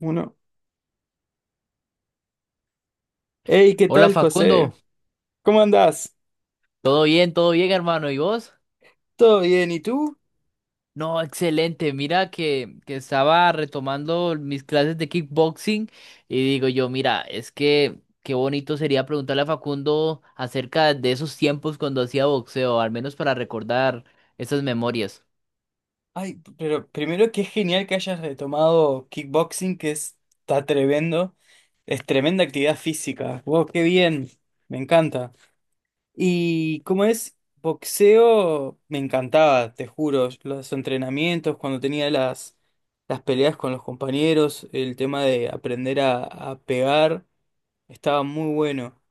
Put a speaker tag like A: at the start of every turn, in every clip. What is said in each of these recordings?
A: Uno. Hey, ¿qué
B: Hola
A: tal, José?
B: Facundo,
A: ¿Cómo andás?
B: todo bien hermano, ¿y vos?
A: ¿Todo bien? ¿Y tú?
B: No, excelente, mira que estaba retomando mis clases de kickboxing y digo yo, mira, es que qué bonito sería preguntarle a Facundo acerca de esos tiempos cuando hacía boxeo, al menos para recordar esas memorias.
A: Ay, pero primero que es genial que hayas retomado kickboxing, está tremendo. Es tremenda actividad física. Wow, qué bien. Me encanta. Y cómo es boxeo, me encantaba, te juro. Los entrenamientos, cuando tenía las peleas con los compañeros, el tema de aprender a pegar. Estaba muy bueno.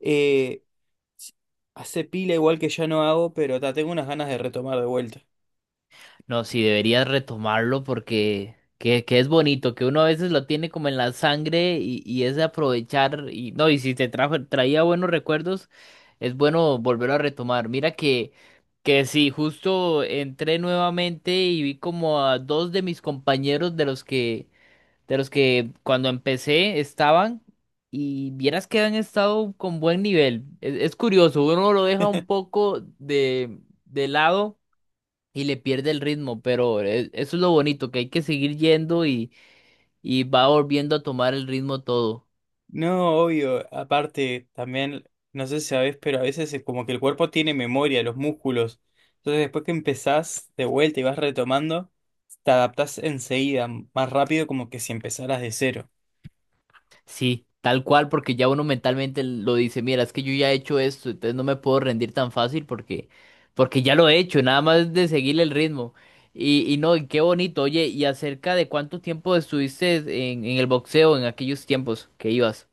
A: Eh, s- Hace pila igual que ya no hago, pero ta, tengo unas ganas de retomar de vuelta.
B: No, sí, deberías retomarlo porque que es bonito, que uno a veces lo tiene como en la sangre y es de aprovechar y no, y si te traía buenos recuerdos, es bueno volverlo a retomar. Mira que sí, justo entré nuevamente y vi como a dos de mis compañeros de los que cuando empecé estaban y vieras que han estado con buen nivel. Es curioso, uno lo deja un poco de lado y le pierde el ritmo, pero eso es lo bonito, que hay que seguir yendo y va volviendo a tomar el ritmo todo.
A: No, obvio. Aparte, también, no sé si sabes pero a veces es como que el cuerpo tiene memoria, los músculos. Entonces después que empezás de vuelta y vas retomando, te adaptás enseguida, más rápido como que si empezaras de cero.
B: Sí, tal cual, porque ya uno mentalmente lo dice, mira, es que yo ya he hecho esto, entonces no me puedo rendir tan fácil porque ya lo he hecho, nada más de seguir el ritmo. Y no, y qué bonito, oye, y acerca de cuánto tiempo estuviste en el boxeo en aquellos tiempos que ibas.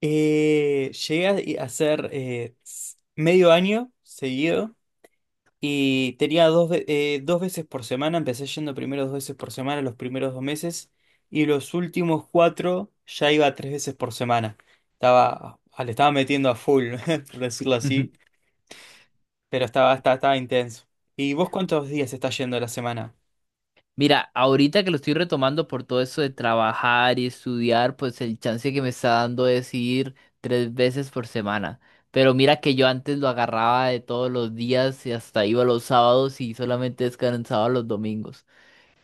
A: Llegué a hacer medio año seguido. Y tenía dos veces por semana, empecé yendo primero dos veces por semana los primeros dos meses y los últimos cuatro ya iba tres veces por semana. Le estaba metiendo a full, por decirlo así, pero estaba intenso. ¿Y vos cuántos días estás yendo a la semana?
B: Mira, ahorita que lo estoy retomando por todo eso de trabajar y estudiar, pues el chance que me está dando es ir 3 veces por semana. Pero mira que yo antes lo agarraba de todos los días y hasta iba los sábados y solamente descansaba los domingos.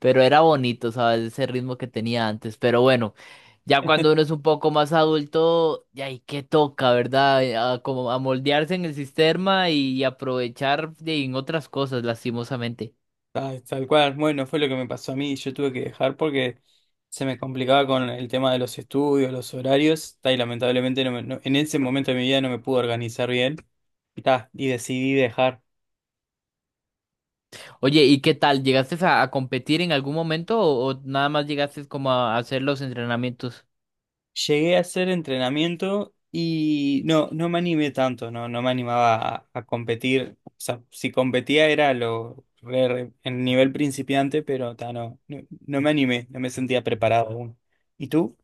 B: Pero era bonito, ¿sabes? Ese ritmo que tenía antes. Pero bueno, ya cuando uno es un poco más adulto, ya hay que toca, ¿verdad? Como a moldearse en el sistema y aprovechar en otras cosas, lastimosamente.
A: Ah, tal cual, bueno, fue lo que me pasó a mí, yo tuve que dejar porque se me complicaba con el tema de los estudios, los horarios, ta, y lamentablemente en ese momento de mi vida no me pude organizar bien y, ta, y decidí dejar.
B: Oye, ¿y qué tal? ¿Llegaste a competir en algún momento o nada más llegaste como a hacer los entrenamientos?
A: Llegué a hacer entrenamiento y no, no me animé tanto, no, no me animaba a competir. O sea, si competía era en nivel principiante, pero ta, no me animé, no me sentía preparado aún. ¿Y tú?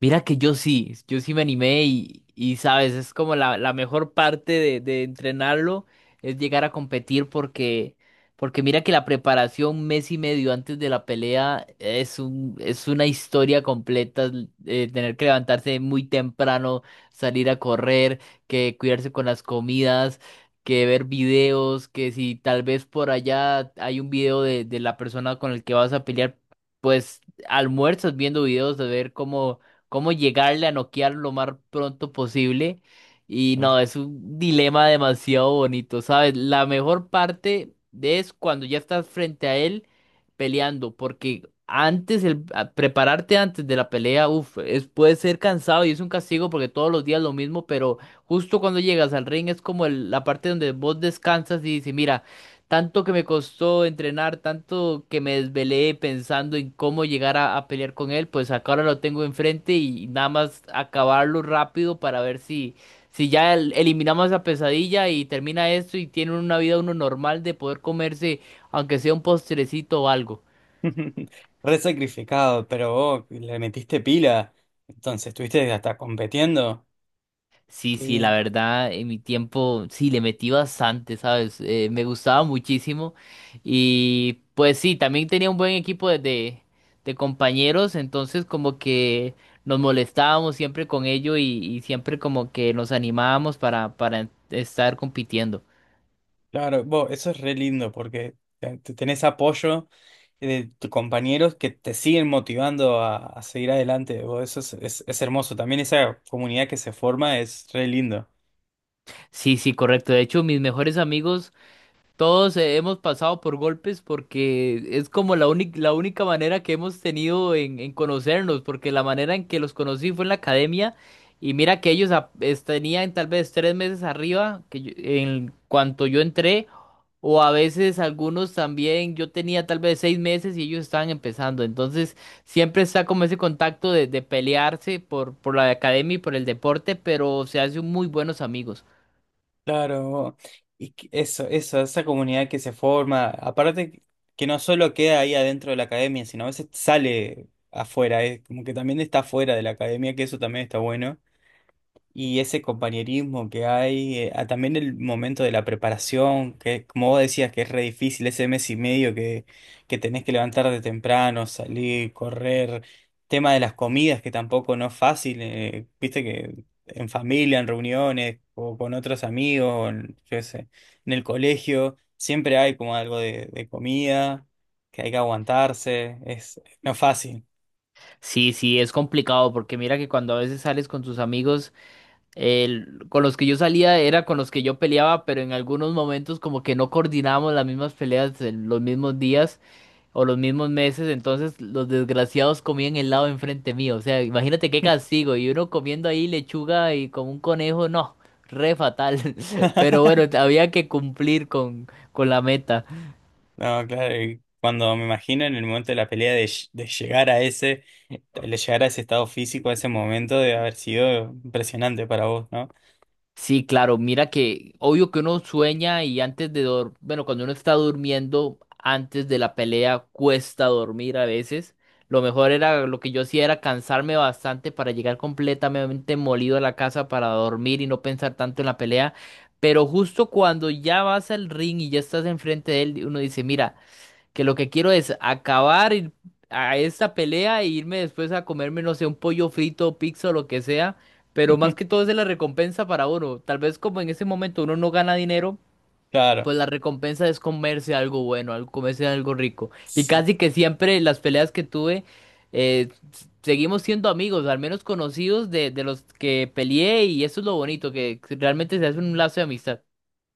B: Mira que yo sí, yo sí me animé y sabes, es como la mejor parte de entrenarlo, es llegar a competir porque mira que la preparación mes y medio antes de la pelea es una historia completa, tener que levantarse muy temprano, salir a correr, que cuidarse con las comidas, que ver videos, que si tal vez por allá hay un video de la persona con el que vas a pelear, pues almuerzas viendo videos de ver cómo llegarle a noquear lo más pronto posible. Y no, es un dilema demasiado bonito, ¿sabes? La mejor parte es cuando ya estás frente a él peleando, porque antes, prepararte antes de la pelea, uf, puede ser cansado y es un castigo porque todos los días lo mismo, pero justo cuando llegas al ring es como la parte donde vos descansas y dices, mira, tanto que me costó entrenar, tanto que me desvelé pensando en cómo llegar a pelear con él, pues acá ahora lo tengo enfrente y nada más acabarlo rápido para ver si ya eliminamos la pesadilla y termina esto y tiene una vida uno normal de poder comerse, aunque sea un postrecito o algo.
A: Re sacrificado, pero vos le metiste pila, entonces estuviste hasta competiendo.
B: Sí,
A: Qué
B: sí, la
A: bien.
B: verdad, en mi tiempo sí le metí bastante, ¿sabes? Me gustaba muchísimo. Y pues sí, también tenía un buen equipo de compañeros, entonces como que nos molestábamos siempre con ello y siempre como que nos animábamos para estar compitiendo.
A: Claro, bo, eso es re lindo porque tenés apoyo de tus compañeros que te siguen motivando a seguir adelante. Bo, eso es, es hermoso. También esa comunidad que se forma es re lindo.
B: Sí, sí, correcto. De hecho, mis mejores amigos. Todos hemos pasado por golpes porque es como la única manera que hemos tenido en conocernos, porque la manera en que los conocí fue en la academia y mira que ellos tenían tal vez 3 meses arriba que en cuanto yo entré, o a veces algunos también, yo tenía tal vez 6 meses y ellos estaban empezando, entonces siempre está como ese contacto de pelearse por la academia y por el deporte, pero se hacen muy buenos amigos.
A: Claro, bo, eso, esa comunidad que se forma, aparte que no solo queda ahí adentro de la academia, sino a veces sale afuera, como que también está afuera de la academia, que eso también está bueno. Y ese compañerismo que hay, ah, también el momento de la preparación, que como vos decías que es re difícil, ese mes y medio que tenés que levantar de temprano, salir, correr, tema de las comidas que tampoco no es fácil, viste que en familia, en reuniones, o con otros amigos, o en, yo qué sé, en el colegio, siempre hay como algo de comida, que hay que aguantarse, es no es fácil.
B: Sí, sí, es complicado porque mira que cuando a veces sales con tus amigos, con los que yo salía era con los que yo peleaba, pero en algunos momentos como que no coordinábamos las mismas peleas en los mismos días o los mismos meses, entonces los desgraciados comían helado enfrente mío, o sea, imagínate qué castigo, y uno comiendo ahí lechuga y como un conejo, no, re fatal, pero bueno, había que cumplir con la meta.
A: No, claro, y cuando me imagino en el momento de la pelea de llegar a ese, de llegar a ese estado físico, a ese momento, debe haber sido impresionante para vos, ¿no?
B: Sí, claro, mira que obvio que uno sueña y antes de dormir, bueno, cuando uno está durmiendo, antes de la pelea cuesta dormir a veces. Lo que yo hacía era cansarme bastante para llegar completamente molido a la casa para dormir y no pensar tanto en la pelea. Pero justo cuando ya vas al ring y ya estás enfrente de él, uno dice, mira, que lo que quiero es acabar a esta pelea e irme después a comerme, no sé, un pollo frito, pizza o lo que sea, pero más que todo es de la recompensa para uno. Tal vez como en ese momento uno no gana dinero,
A: Claro.
B: pues la recompensa es comerse algo bueno, comerse algo rico. Y
A: Sí,
B: casi que siempre las peleas que tuve, seguimos siendo amigos, al menos conocidos de los que peleé y eso es lo bonito, que realmente se hace un lazo de amistad.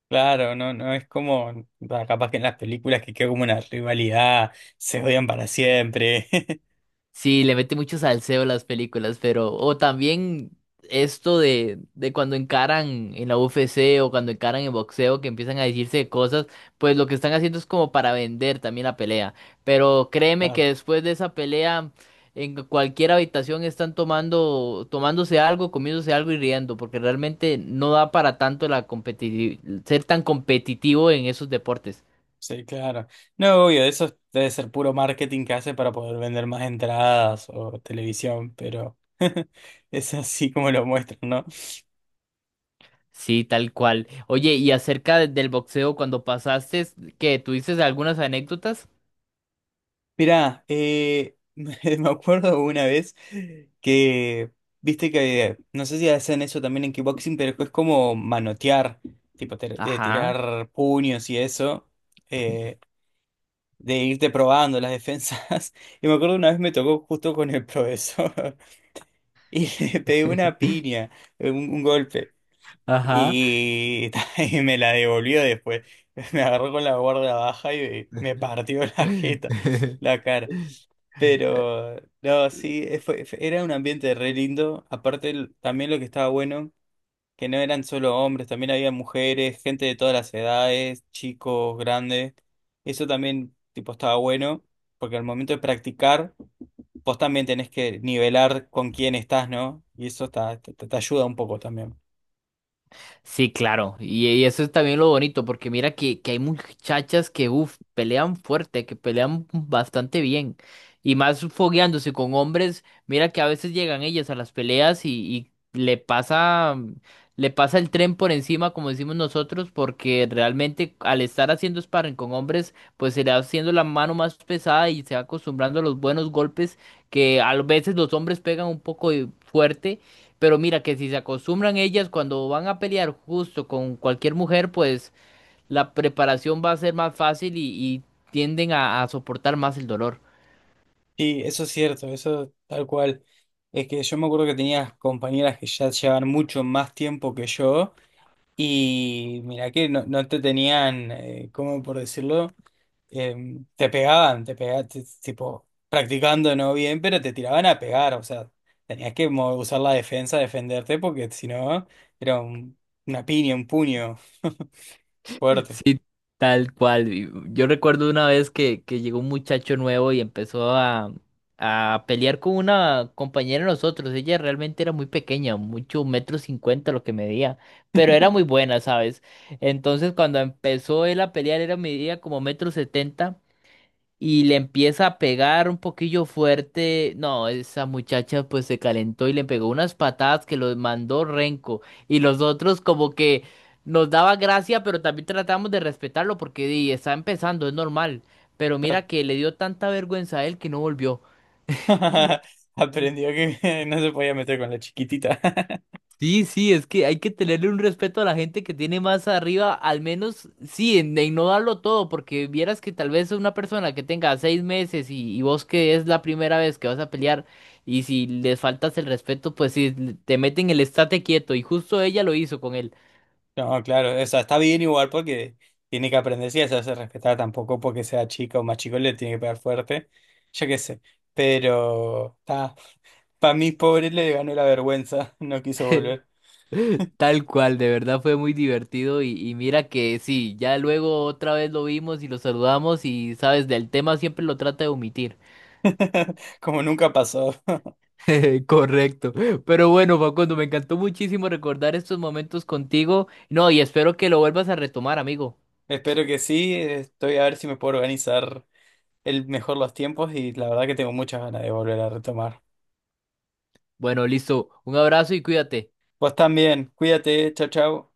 A: claro, no, no es como, bah, capaz que en las películas que queda como una rivalidad, se odian para siempre.
B: Sí, le mete mucho salseo a las películas, pero. O también esto de cuando encaran en la UFC o cuando encaran en boxeo, que empiezan a decirse cosas, pues lo que están haciendo es como para vender también la pelea. Pero créeme que
A: Claro,
B: después de esa pelea, en cualquier habitación están tomándose algo, comiéndose algo y riendo, porque realmente no da para tanto la competitividad, ser tan competitivo en esos deportes.
A: sí, claro. No, obvio, eso debe ser puro marketing que hace para poder vender más entradas o televisión, pero es así como lo muestran, ¿no?
B: Sí, tal cual. Oye, y acerca del boxeo, cuando pasaste, ¿qué? ¿Tuviste algunas anécdotas?
A: Mirá, me acuerdo una vez que, viste que, no sé si hacen eso también en kickboxing, pero es como manotear,
B: Ajá,
A: tirar puños y eso, eh, de irte probando las defensas. Y me acuerdo una vez me tocó justo con el profesor y le pegué una piña, un golpe,
B: ajá.
A: y, y me la devolvió después. Me agarró con la guardia baja y me partió la jeta, la cara. Pero, no, sí, era un ambiente re lindo. Aparte, también lo que estaba bueno, que no eran solo hombres, también había mujeres, gente de todas las edades, chicos, grandes. Eso también, tipo, estaba bueno, porque al momento de practicar, vos también tenés que nivelar con quién estás, ¿no? Y eso está- te- te ayuda un poco también.
B: Sí, claro. Y eso es también lo bonito, porque mira que hay muchachas que, uff, pelean fuerte, que pelean bastante bien. Y más fogueándose con hombres, mira que a veces llegan ellas a las peleas y le pasa el tren por encima, como decimos nosotros, porque realmente al estar haciendo sparring con hombres, pues se le va haciendo la mano más pesada y se va acostumbrando a los buenos golpes que a veces los hombres pegan un poco fuerte. Pero mira que si se acostumbran ellas cuando van a pelear justo con cualquier mujer, pues la preparación va a ser más fácil y tienden a soportar más el dolor.
A: Sí, eso es cierto, eso tal cual. Es que yo me acuerdo que tenías compañeras que ya llevaban mucho más tiempo que yo. Y mira que no, no te tenían, ¿cómo por decirlo? Em, te pegaban, tipo, practicando no bien, pero te tiraban a pegar, o sea, tenías que usar la defensa, defenderte, porque si no, era una piña, un puño fuerte.
B: Sí, tal cual. Y yo recuerdo una vez que llegó un muchacho nuevo y empezó a pelear con una compañera de nosotros. Ella realmente era muy pequeña, mucho metro cincuenta lo que medía, pero era muy buena, ¿sabes? Entonces cuando empezó él a pelear, era medía como metro setenta, y le empieza a pegar un poquillo fuerte. No, esa muchacha pues se calentó y le pegó unas patadas que los mandó renco. Y los otros como que nos daba gracia, pero también tratamos de respetarlo porque di, está empezando, es normal. Pero
A: Claro.
B: mira que le dio tanta vergüenza a él que no volvió.
A: Aprendió que no se podía meter con la chiquitita.
B: Sí, sí, es que hay que tenerle un respeto a la gente que tiene más arriba, al menos, sí, en no darlo todo, porque vieras que tal vez una persona que tenga 6 meses y vos que es la primera vez que vas a pelear, y si les faltas el respeto, pues sí, te meten el estate quieto, y justo ella lo hizo con él.
A: No, claro, o sea, está bien igual porque tiene que aprender, sí, a hacerse respetar tampoco porque sea chica o más chico le tiene que pegar fuerte, yo qué sé, pero está, para mí pobre le ganó la vergüenza, no quiso volver,
B: Tal cual, de verdad fue muy divertido y mira que sí, ya luego otra vez lo vimos y lo saludamos y sabes, del tema siempre lo trata de omitir.
A: como nunca pasó.
B: Correcto. Pero bueno, Facundo, me encantó muchísimo recordar estos momentos contigo. No, y espero que lo vuelvas a retomar, amigo.
A: Espero que sí, estoy a ver si me puedo organizar el mejor los tiempos y la verdad que tengo muchas ganas de volver a retomar.
B: Bueno, listo. Un abrazo y cuídate.
A: Vos también, cuídate, chao, chao.